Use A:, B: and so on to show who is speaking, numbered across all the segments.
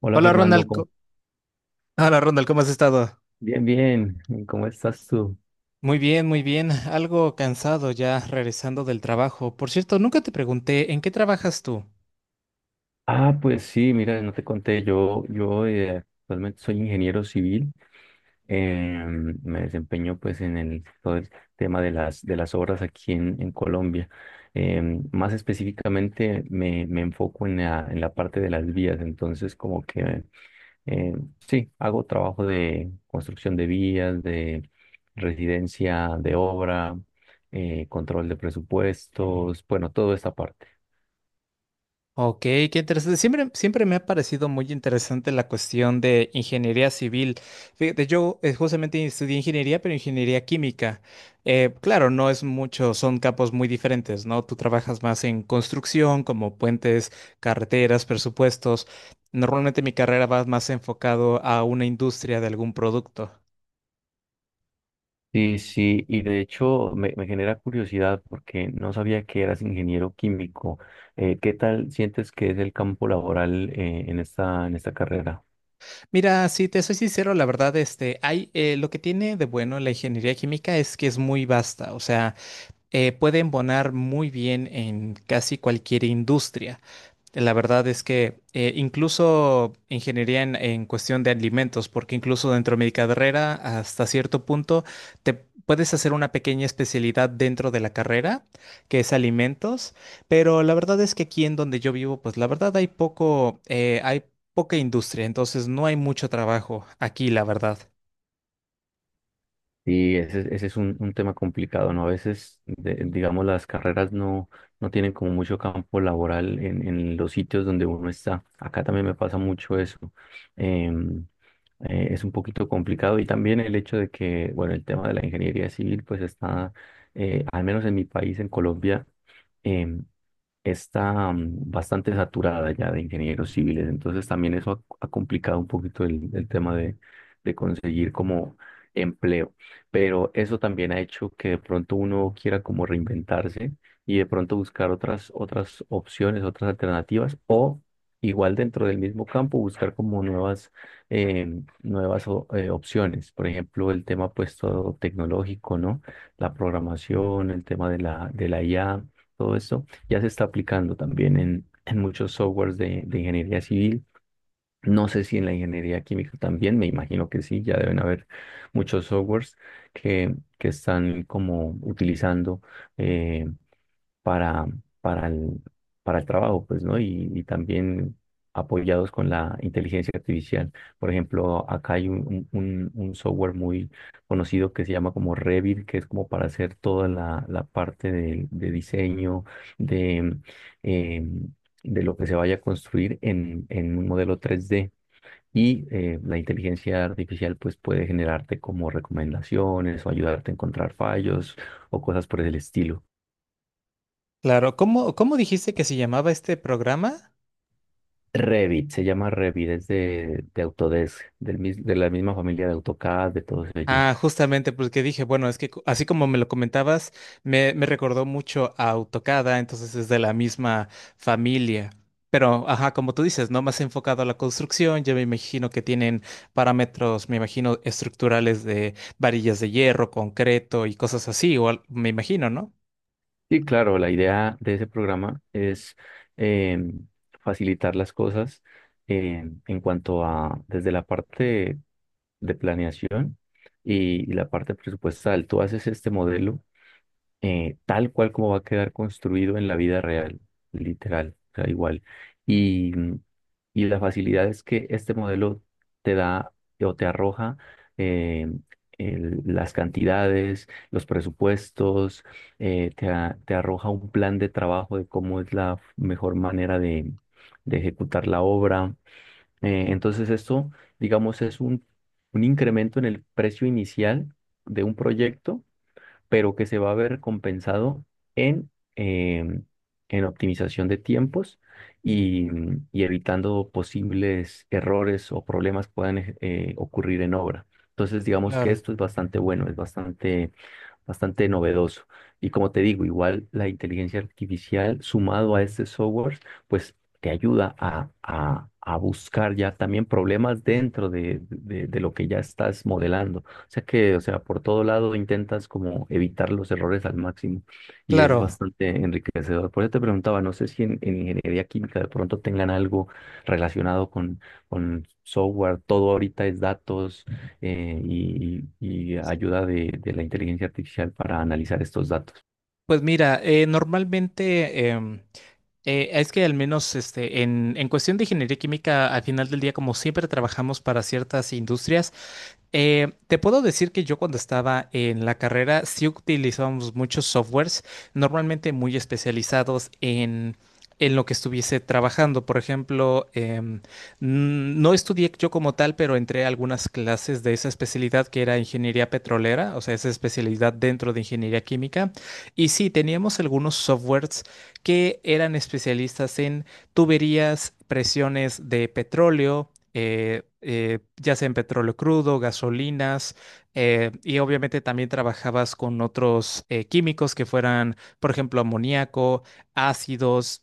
A: Hola
B: Hola
A: Fernando,
B: Ronald, hola Ronald, ¿cómo has estado?
A: bien, bien, ¿y cómo estás tú?
B: Muy bien, muy bien. Algo cansado ya regresando del trabajo. Por cierto, nunca te pregunté, ¿en qué trabajas tú?
A: Ah, pues sí, mira, no te conté, yo actualmente soy ingeniero civil. Eh, Me desempeño pues en todo el tema de de las obras aquí en Colombia. Eh, Más específicamente me enfoco en en la parte de las vías, entonces como que eh, sí, hago trabajo de construcción de vías, de residencia de obra, control de presupuestos, bueno, toda esta parte.
B: Ok, qué interesante. Siempre, siempre me ha parecido muy interesante la cuestión de ingeniería civil. Fíjate, yo justamente estudié ingeniería, pero ingeniería química. Claro, no es mucho, son campos muy diferentes, ¿no? Tú trabajas más en construcción, como puentes, carreteras, presupuestos. Normalmente mi carrera va más enfocado a una industria de algún producto.
A: Sí, sí, y de hecho me genera curiosidad porque no sabía que eras ingeniero químico. ¿Qué tal sientes que es el campo laboral en en esta carrera?
B: Mira, si te soy sincero, la verdad, este, hay, lo que tiene de bueno la ingeniería química es que es muy vasta, o sea. Puede embonar muy bien en casi cualquier industria. La verdad es que incluso ingeniería en cuestión de alimentos, porque incluso dentro de mi carrera, hasta cierto punto, te puedes hacer una pequeña especialidad dentro de la carrera, que es alimentos, pero la verdad es que aquí en donde yo vivo, pues la verdad hay poco, hay poca industria, entonces no hay mucho trabajo aquí, la verdad.
A: Sí, ese es un tema complicado, ¿no? A veces, digamos, las carreras no, no tienen como mucho campo laboral en los sitios donde uno está. Acá también me pasa mucho eso. Em, es un poquito complicado y también el hecho de que, bueno, el tema de la ingeniería civil, pues está, al menos en mi país, en Colombia, em, está bastante saturada ya de ingenieros civiles, entonces también eso ha, ha complicado un poquito el tema de conseguir como empleo, pero eso también ha hecho que de pronto uno quiera como reinventarse y de pronto buscar otras, otras opciones, otras alternativas o... Igual dentro del mismo campo, buscar como nuevas, nuevas opciones. Por ejemplo, el tema pues todo tecnológico, ¿no? La programación, el tema de de la IA, todo esto ya se está aplicando también en muchos softwares de ingeniería civil. No sé si en la ingeniería química también, me imagino que sí, ya deben haber muchos softwares que están como utilizando eh, para, para para el trabajo, pues, ¿no? Y también apoyados con la inteligencia artificial. Por ejemplo, acá hay un software muy conocido que se llama como Revit, que es como para hacer toda la parte de diseño, de, eh, de lo que se vaya a construir en un modelo 3D. Y la inteligencia artificial pues puede generarte como recomendaciones o ayudarte a encontrar fallos o cosas por el estilo.
B: Claro, ¿cómo, cómo dijiste que se llamaba este programa?
A: Revit, se llama Revit, es de Autodesk, de la misma familia de AutoCAD, de todos ellos.
B: Ah, justamente, porque dije, bueno, es que así como me lo comentabas, me recordó mucho a AutoCAD, entonces es de la misma familia. Pero, ajá, como tú dices, ¿no? Más enfocado a la construcción, yo me imagino que tienen parámetros, me imagino, estructurales de varillas de hierro, concreto y cosas así, o me imagino, ¿no?
A: Y claro, la idea de ese programa es em, facilitar las cosas en cuanto a, desde la parte de planeación y la parte presupuestal. Tú haces este modelo tal cual como va a quedar construido en la vida real, literal, o sea, igual. Y, mm, y la facilidad es que este modelo te da o te arroja eh, las cantidades, los presupuestos, te arroja un plan de trabajo de cómo es la mejor manera de ejecutar la obra. Entonces esto, digamos, es un incremento en el precio inicial de un proyecto, pero que se va a ver compensado en, em, en optimización de tiempos y, y evitando posibles errores o problemas que puedan ocurrir en obra. Entonces, digamos que
B: Claro,
A: esto es bastante bueno, es bastante novedoso. Y como te digo, igual la inteligencia artificial sumado a este software, pues te ayuda a buscar ya también problemas dentro de lo que ya estás modelando. O sea que, o sea, por todo lado intentas como evitar los errores al máximo y es
B: claro.
A: bastante enriquecedor. Por eso te preguntaba, no sé si en, en ingeniería química de pronto tengan algo relacionado con software, todo ahorita es datos y ayuda de la inteligencia artificial para analizar estos datos.
B: Pues mira, normalmente es que al menos este, en cuestión de ingeniería química, al final del día, como siempre trabajamos para ciertas industrias. Te puedo decir que yo cuando estaba en la carrera sí utilizábamos muchos softwares, normalmente muy especializados en lo que estuviese trabajando. Por ejemplo, no estudié yo como tal, pero entré a algunas clases de esa especialidad que era ingeniería petrolera, o sea, esa especialidad dentro de ingeniería química. Y sí, teníamos algunos softwares que eran especialistas en tuberías, presiones de petróleo, ya sea en petróleo crudo, gasolinas, y obviamente también trabajabas con otros químicos que fueran, por ejemplo, amoníaco, ácidos.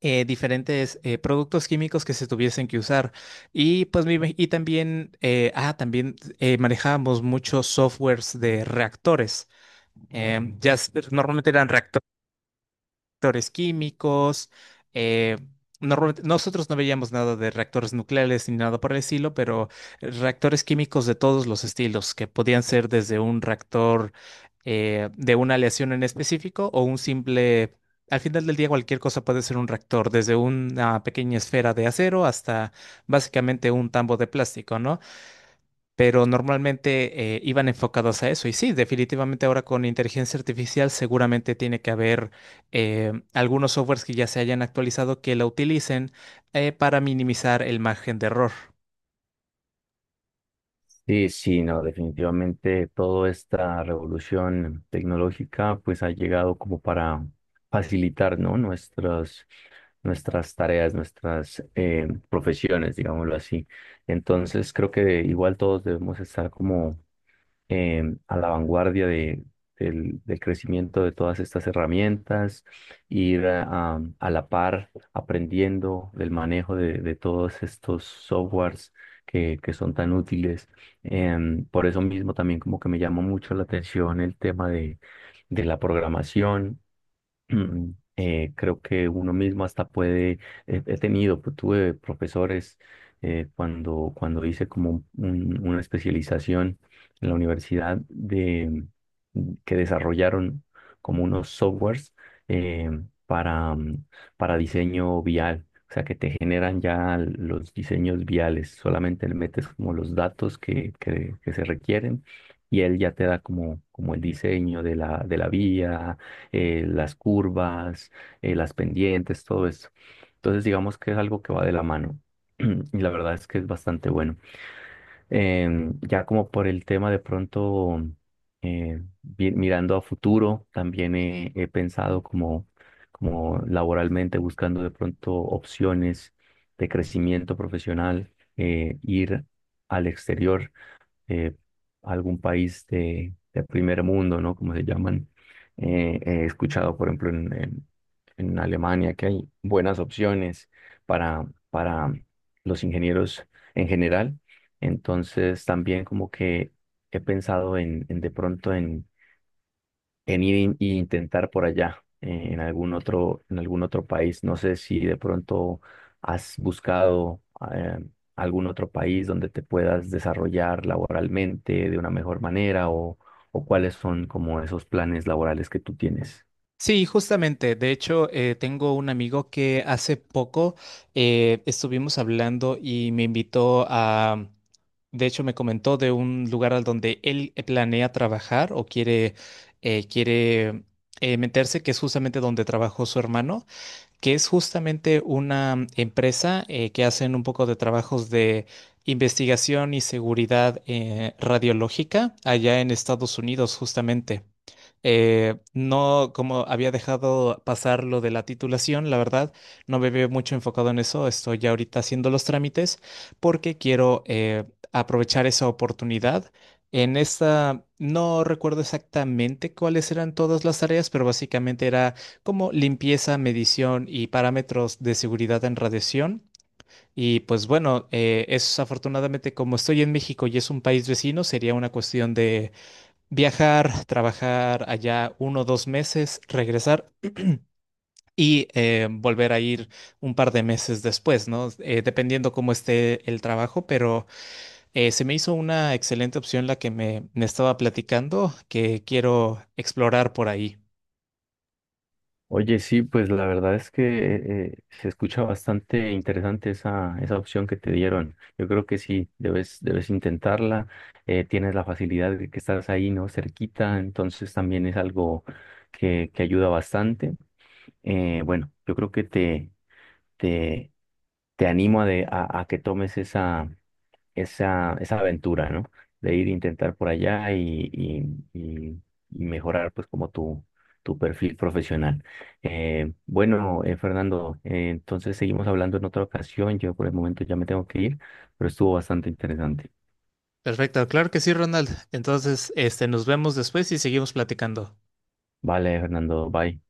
B: Diferentes productos químicos que se tuviesen que usar. Y pues y también, también manejábamos muchos softwares de reactores. Ya normalmente eran reactores químicos. eh, Nosotros no veíamos nada de reactores nucleares ni nada por el estilo, pero reactores químicos de todos los estilos, que podían ser desde un reactor de una aleación en específico o un simple. Al final del día, cualquier cosa puede ser un reactor, desde una pequeña esfera de acero hasta básicamente un tambo de plástico, ¿no? Pero normalmente iban enfocados a eso. Y sí, definitivamente ahora con inteligencia artificial seguramente tiene que haber algunos softwares que ya se hayan actualizado que la utilicen para minimizar el margen de error.
A: Sí, sí, no, definitivamente toda esta revolución tecnológica pues ha llegado como para facilitar, ¿no? Nuestras, nuestras tareas, nuestras profesiones, digámoslo así. Entonces creo que igual todos debemos estar como a la vanguardia del, del crecimiento de todas estas herramientas, ir a, a la par aprendiendo del manejo de todos estos softwares que son tan útiles. Em, por eso mismo también como que me llama mucho la atención el tema de la programación. Mm, creo que uno mismo hasta puede, he tenido, pues, tuve profesores cuando, cuando hice como una especialización en la universidad de, que desarrollaron como unos softwares eh, para, mm, para diseño vial, o sea que te generan ya los diseños viales, solamente le metes como los datos que se requieren y él ya te da como, como el diseño de de la vía las curvas, las pendientes, todo esto. Entonces, digamos que es algo que va de la mano. Y la verdad es que es bastante bueno. Em, ya como por el tema de pronto, mirando a futuro, también he pensado como, como laboralmente, buscando de pronto opciones de crecimiento profesional, ir al exterior eh, algún país de primer mundo, ¿no? Como se llaman. He escuchado, por ejemplo, en Alemania que hay buenas opciones para los ingenieros en general. Entonces, también como que he pensado en de pronto en ir e intentar por allá, en algún otro país. No sé si de pronto has buscado eh, algún otro país donde te puedas desarrollar laboralmente de una mejor manera o cuáles son como esos planes laborales que tú tienes.
B: Sí, justamente. De hecho, tengo un amigo que hace poco estuvimos hablando y me invitó a, de hecho, me comentó de un lugar al donde él planea trabajar o quiere, eh, quiere meterse, que es justamente donde trabajó su hermano. Que es justamente una empresa que hacen un poco de trabajos de investigación y seguridad radiológica allá en Estados Unidos, justamente. No, como había dejado pasar lo de la titulación, la verdad, no me veo mucho enfocado en eso. Estoy ya ahorita haciendo los trámites porque quiero aprovechar esa oportunidad. En esta, no recuerdo exactamente cuáles eran todas las tareas, pero básicamente era como limpieza, medición y parámetros de seguridad en radiación. Y pues bueno, es afortunadamente como estoy en México y es un país vecino, sería una cuestión de viajar, trabajar allá 1 o 2 meses, regresar y volver a ir un par de meses después, ¿no? Dependiendo cómo esté el trabajo, pero se me hizo una excelente opción la que me estaba platicando que quiero explorar por ahí.
A: Oye, sí, pues la verdad es que se escucha bastante interesante esa, esa opción que te dieron. Yo creo que sí, debes, debes intentarla. Eh, tienes la facilidad de que estás ahí, ¿no? Cerquita, entonces también es algo que ayuda bastante. Bueno, yo creo que te, te animo a, a que tomes esa, esa, esa aventura, ¿no? De ir a intentar por allá y, y- y mejorar, pues, como tu perfil profesional. Bueno, Fernando, entonces seguimos hablando en otra ocasión. Yo por el momento ya me tengo que ir, pero estuvo bastante interesante.
B: Perfecto, claro que sí, Ronald. Entonces, este, nos vemos después y seguimos platicando.
A: Vale, Fernando, bye.